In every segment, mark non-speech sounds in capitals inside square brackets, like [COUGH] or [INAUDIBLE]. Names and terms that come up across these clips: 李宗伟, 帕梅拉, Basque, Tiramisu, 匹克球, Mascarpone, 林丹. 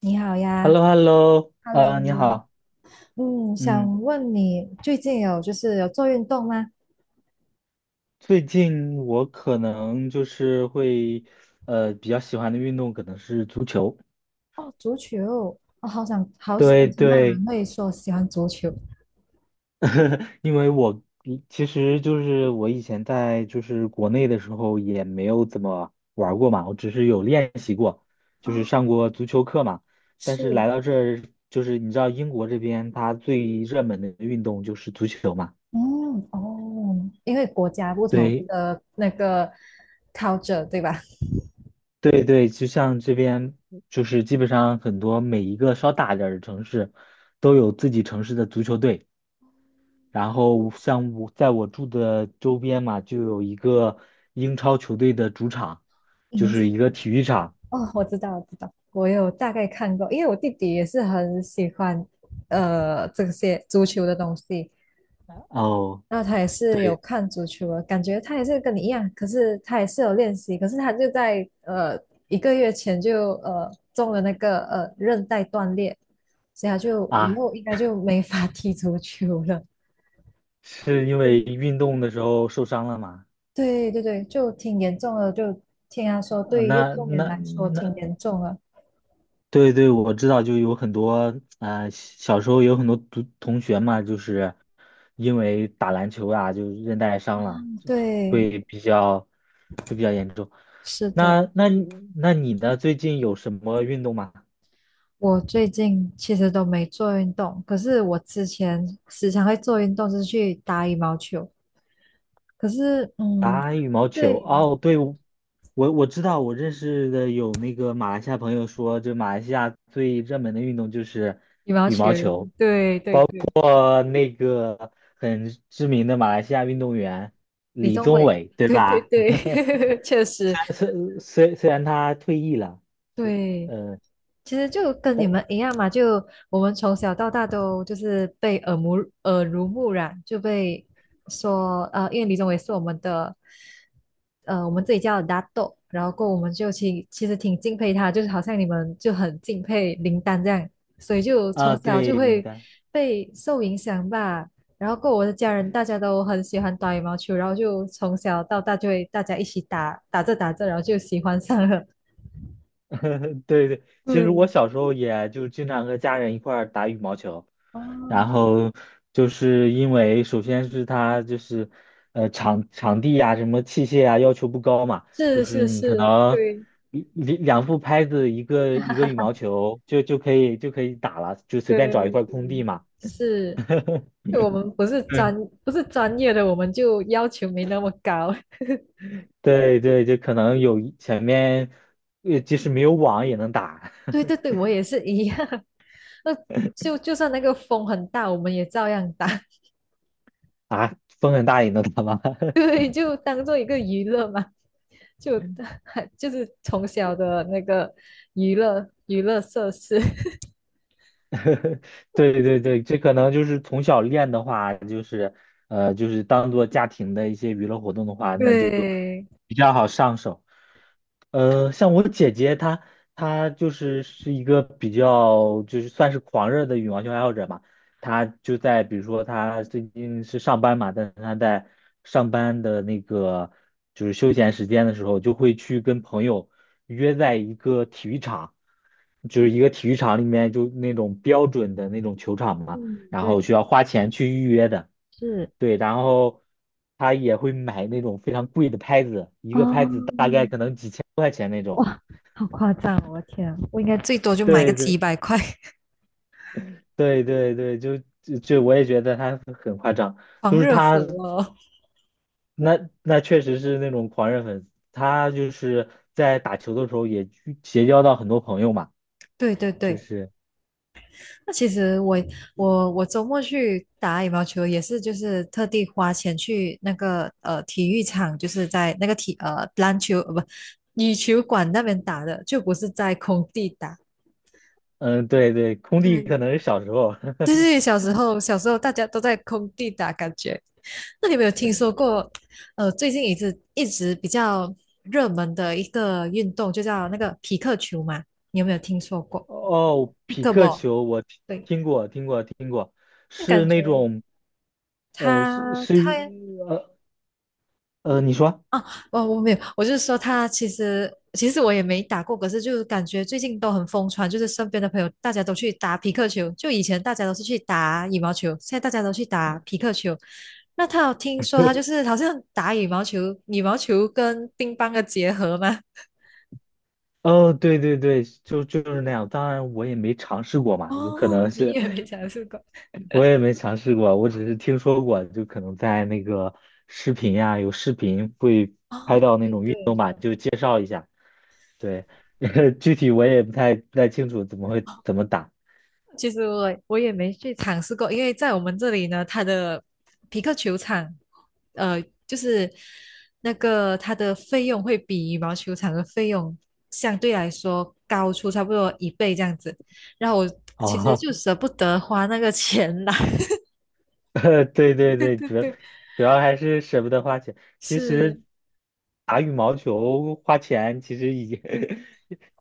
你好 h e l l 呀，o h e l l o Hello，呃，你好，嗯，嗯，想问你最近有就是有做运动吗？最近我可能就是会，比较喜欢的运动可能是足球，哦，足球，我好想对听到对，人会说喜欢足球。[LAUGHS] 因为我其实就是我以前在就是国内的时候也没有怎么玩儿过嘛，我只是有练习过，就哦，是上过足球课嘛，但是是，来到这儿，就是你知道英国这边它最热门的运动就是足球嘛。嗯嗯，哦，因为国家不同对，的那个 culture 对吧？对对，就像这边，就是基本上很多每一个稍大点儿的城市，都有自己城市的足球队。然后像我在我住的周边嘛，就有一个英超球队的主场，就影响是一个体育场。哦，我知道，我有大概看过，因为我弟弟也是很喜欢这些足球的东西，哦，那他也是有对看足球的，感觉他也是跟你一样，可是他也是有练习，可是他就在呃一个月前就中了那个韧带断裂，所以他就以啊，后应该就没法踢足球了。是因为嗯，运动的时候受伤了嘛？对，就挺严重的，就听他说，呃对于运那动员那来说挺那严重的。对对，我知道，就有很多小时候有很多同学嘛，就是因为打篮球啊，就韧带伤了，就对，会比较严重。是的，那那你那你呢？最近有什么运动吗？我最近其实都没做运动，可是我之前时常会做运动，就是去打羽毛球。可是，嗯，打羽毛球？对，哦，对，我知道，我认识的有那个马来西亚朋友说，就马来西亚最热门的运动就是羽毛羽球，毛球。对，过那个很知名的马来西亚运动员李李宗宗伟，伟，[LAUGHS] 对对对吧？对，[LAUGHS] 确实，[LAUGHS] 虽然他退役了，对，呃，其实就跟你但们一样嘛，就我们从小到大都就是被耳濡目染，就被说，因为李宗伟是，我们自己叫的大豆，然后过后我们就其实挺敬佩他，就是好像你们就很敬佩林丹这样，所以就啊，从小对，就林会丹，被受影响吧。然后过后我的家人大家都很喜欢打羽毛球，然后就从小到大就会大家一起打着打着，然后就喜欢上了。[LAUGHS] 对对，其实我对，小时候也就经常和家人一块儿打羽毛球。哦，然后就是因为首先是它就是场地呀、什么器械啊要求不高嘛，就是是是你可是，能对一两副拍子一个羽毛球就可以打了，就随便找一对块空地嘛。是，就我们对，不是专业的，我们就要求没那么高。[LAUGHS] 对对，就可能有一前面即使没有网也能打 对对 [LAUGHS] 对，我也是一样。[LAUGHS] 那就就算那个风很大，我们也照样打。[LAUGHS] 啊，风很大也能打吗？[LAUGHS] 对，就当做一个娱乐嘛，就 [LAUGHS] 就是从小的那个娱乐娱乐设施。[LAUGHS] 对对对，这可能就是从小练的话，就是当做家庭的一些娱乐活动的话，[LAUGHS] 那就对，比较好上手。呃，像我姐姐她，她就是一个比较就是算是狂热的羽毛球爱好者嘛。她就在比如说她最近是上班嘛，但是她在上班的那个就是休闲时间的时候，就会去跟朋友约在一个体育场，就是一个体育场里面就那种标准的那种球场嘛，嗯，然后对，需要花钱去预约的。是对，然后她也会买那种非常贵的拍子，一个拍子大概哦，可能几千。哇，好夸张哦，我的天啊，我应该最多就买个对几对百块。[LAUGHS] 对对对，就我也觉得他很夸张，就狂是热他粉哦，确实是那种狂热粉丝，他就是在打球的时候也去结交到很多朋友嘛，[LAUGHS] 对对就对，是那其实我我周末去打羽毛球也是，就是特地花钱去那个体育场，就是在那个体呃篮球呃不羽球馆那边打的，就不是在空地打。嗯对对，空地可能对是小时候 对，小时候大家都在空地打，感觉。那你有没有听说过？呃，最近一直比较热门的一个运动，就叫那个匹克球嘛？你有没有听说 [LAUGHS] 过 哦，p i c 匹 k b a 克 l l 球我听对。听过听过听过，那是感那觉种呃是他是一他呃你说啊，我我没有，我就是说他其实我也没打过，可是就是感觉最近都很疯传，就是身边的朋友大家都去打匹克球，就以前大家都是去打羽毛球，现在大家都去打匹克球。那他有听说他就是好像打羽毛球，羽毛球跟乒乓的结合吗？哦对对对，就是那样，当然我也没尝试过嘛，有可哦，能你是。也没尝试过我也没尝试过，我只是听说过，就可能在那个视频呀、有视频会，哦，对。对，[LAUGHS] 具体我也不太清楚怎么会怎么打其实我我也没去尝试过，因为在我们这里呢，它的匹克球场，呃，就是那个它的费用会比羽毛球场的费用相对来说高出差不多一倍这样子，然后我其实啊？就舍不得花那个钱啦。[LAUGHS] 对对对，[LAUGHS] 对，主要还是舍不得花钱。其实是打羽毛球花钱其实已经 [LAUGHS]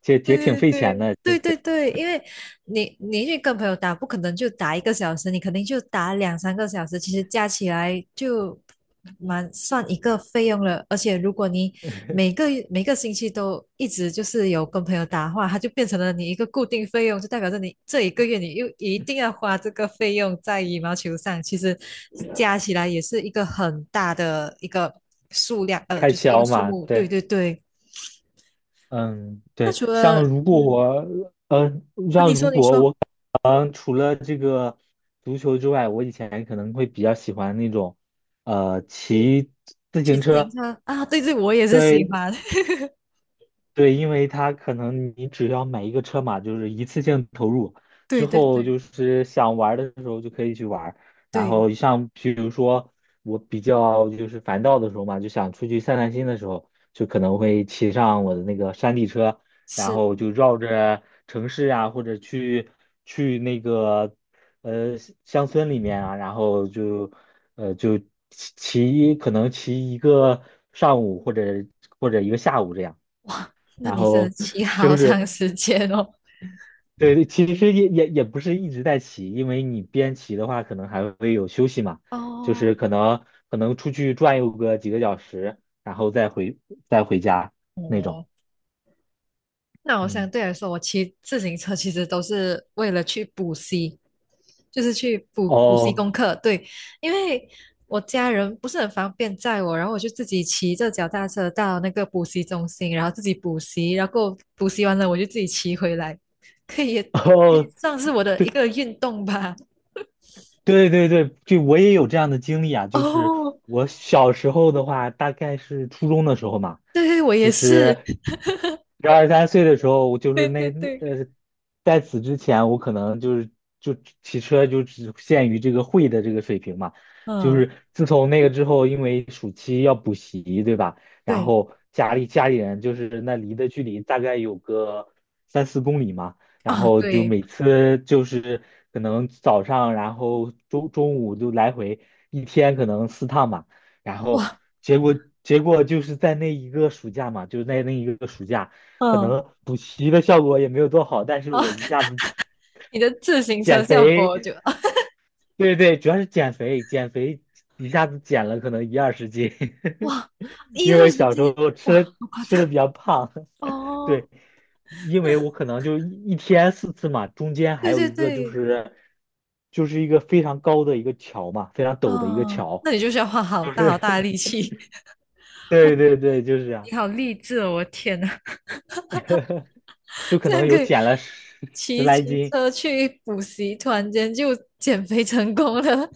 也挺对 [LAUGHS] 费钱对的，对对对，因为你你去跟朋友打，不可能就打一个小时，你肯定就打两三个小时，其实加起来就蛮算一个费用了。而且如果你每个每个星期都一直就是有跟朋友打的话，它就变成了你一个固定费用，就代表着你这一个月你又一定要花这个费用在羽毛球上，其实加起来也是一个很大的一个数量，开就是一个销数嘛，目。对对。对对，那除了嗯啊，像如你果说。我，嗯，除了这个足球之外，我以前可能会比较喜欢那种，呃，骑自骑行自行车，车啊，对对，我也是喜对，欢，[LAUGHS] 对，因为它可能你只要买一个车嘛，就是一次性投入，对之对后对就是想玩儿的时候就可以去玩儿然对，后像比如说我比较就是烦躁的时候嘛，就想出去散散心的时候，就可能会骑上我的那个山地车，然是后就绕着城市啊，或者去那个呃乡村里面啊，然后就骑骑可能骑一个上午或者一个下午这样。哇，那然你真的后骑好就是长时间哦。对，其实也不是一直在骑，因为你边骑的话，可能还会有休息嘛，就是哦，可能出去转悠个几个小时，然后再回家那种。哦，那我相嗯，对来说，我骑自行车其实都是为了去补习，就是去补习哦 功课。对，因为我家人不是很方便载我，然后我就自己骑着脚踏车到那个补习中心，然后自己补习，然后补习完了我就自己骑回来，可以也可 [LAUGHS] 以哦，算是我的一个运动吧。对对对，就我也有这样的经历啊，[LAUGHS] 就是哦，我小时候的话，大概是初中的时候嘛，对，我就也是，是十二三岁的时候，我 [LAUGHS] 就是对那对那对，呃，在此之前，我可能就是就骑车就只限于这个会的这个水平嘛，就嗯，是自从那个之后，因为暑期要补习，对吧？然对后家里人就是那离的距离大概有个三四公里嘛。然啊，后就对，每次就是可能早上，然后中午就来回一天可能四趟嘛，然后哇，结果结果就是在那一个暑假嘛，就是在那一个暑假，可嗯，能补习的效果也没有多好，但是啊，我一下子 [LAUGHS] 你的自行减车效果，肥，就啊，对对，主要是减肥，减肥一下子减了可能一二十斤，哇，[LAUGHS] 一因二为十小时斤，候哇，好夸吃的张，比较胖，对，哦，因为我可能就一天四次嘛，中间还对有对一个对，就是一个非常高的一个桥嘛，非常陡的一个啊，桥，那你就需要花好就大好是 大的力 [LAUGHS] 气，[LAUGHS] 哇，对对对，就是这样，你好励志哦，我的天呐，就 [LAUGHS] 可这能样有可以减了十来骑斤，车去补习，突然间就减肥成功了，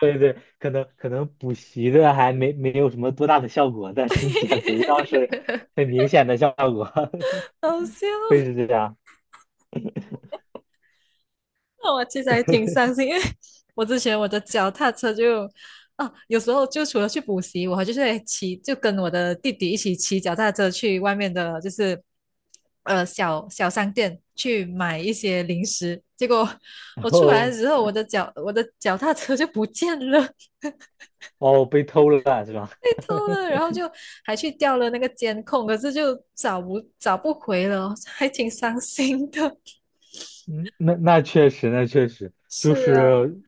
对对，可能补习的还没有什么多大的效果，但是减肥倒是很 [LAUGHS] 明显的效果，好笑。[LAUGHS] 会是这样，[LAUGHS] 那我其实还挺伤心，因为我之前我的脚踏车就，啊，有时候就除了去补习，我就是会骑，就跟我的弟弟一起骑脚踏车去外面的，就是小小商店去买一些零食。结果然我出来后的时候，我的脚踏车就不见了，哦被偷了是吧？被偷了，然后就还去调了那个监控，可是就找不回了，还挺伤心的。嗯，那那确实，那确实 [LAUGHS] 就是啊，是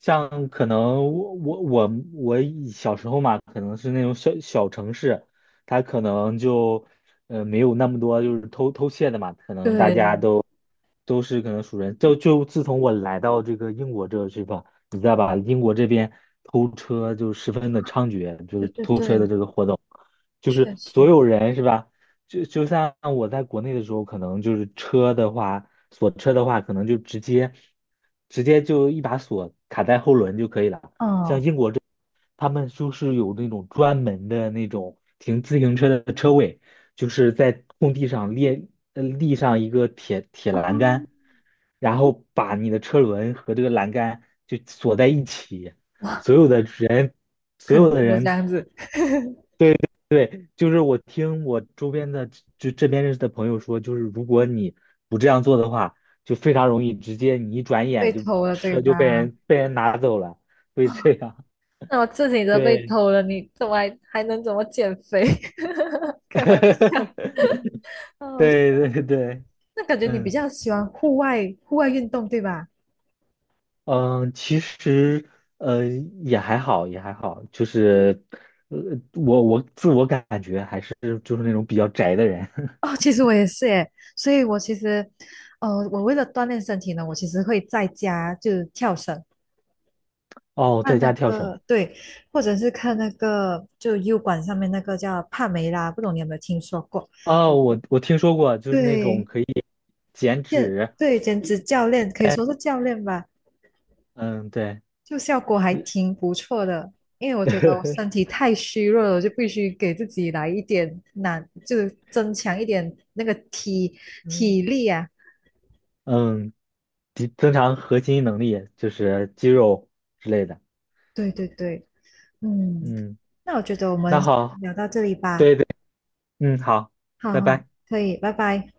像可能我以小时候嘛，可能是那种小小城市，它可能就没有那么多就是偷窃的嘛，可能大家对都都是可能熟人。就自从我来到这个英国这个地方，你知道吧？英国这边偷车就十分的猖獗，就对是对偷车的对，这个活动，就是确所实。有人是吧？就像我在国内的时候，可能就是车的话，锁车的话，可能就直接就一把锁卡在后轮就可以了。嗯，他们就是有那种专门的那种停自行车的车位，就是在空地上立上一个铁栏杆，然后把你的车轮和这个栏杆就锁在一起，所有的人所肯有的定都这人样子，对对，就是我听我周边的就这边认识的朋友说，就是如果你不这样做的话，就非常容易直接你一转被眼就偷了对车就被吧？人拿走了，会这样。那我自己都被对，偷了，你怎么还能怎么减肥？[LAUGHS] [LAUGHS] 开玩笑，对哦，对对，那感觉你比嗯较喜欢户外运动对吧？嗯，其实呃也还好，也还好，就是呃我我自我感觉还是就是那种比较宅的人。[LAUGHS] 哦，其实我也是耶，所以我其实，呃，我为了锻炼身体呢，我其实会在家就跳绳，哦，在看那家跳绳。个对，或者是看那个就 U 管上面那个叫帕梅拉，不懂你有没有听说过？啊，我我听说过，就是那种对，可以减健脂，对减脂教练可以说是教练吧。嗯，对，就效果还挺不错的，因为我觉得我身体 [LAUGHS] 太虚弱了，我就必须给自己来一点难，就增强一点那个嗯体力啊。嗯，提增强核心能力，就是肌肉之类的。对，嗯，嗯，那我觉得我们那好，聊到这里吧，嗯，好，好拜好，拜。可以，拜拜。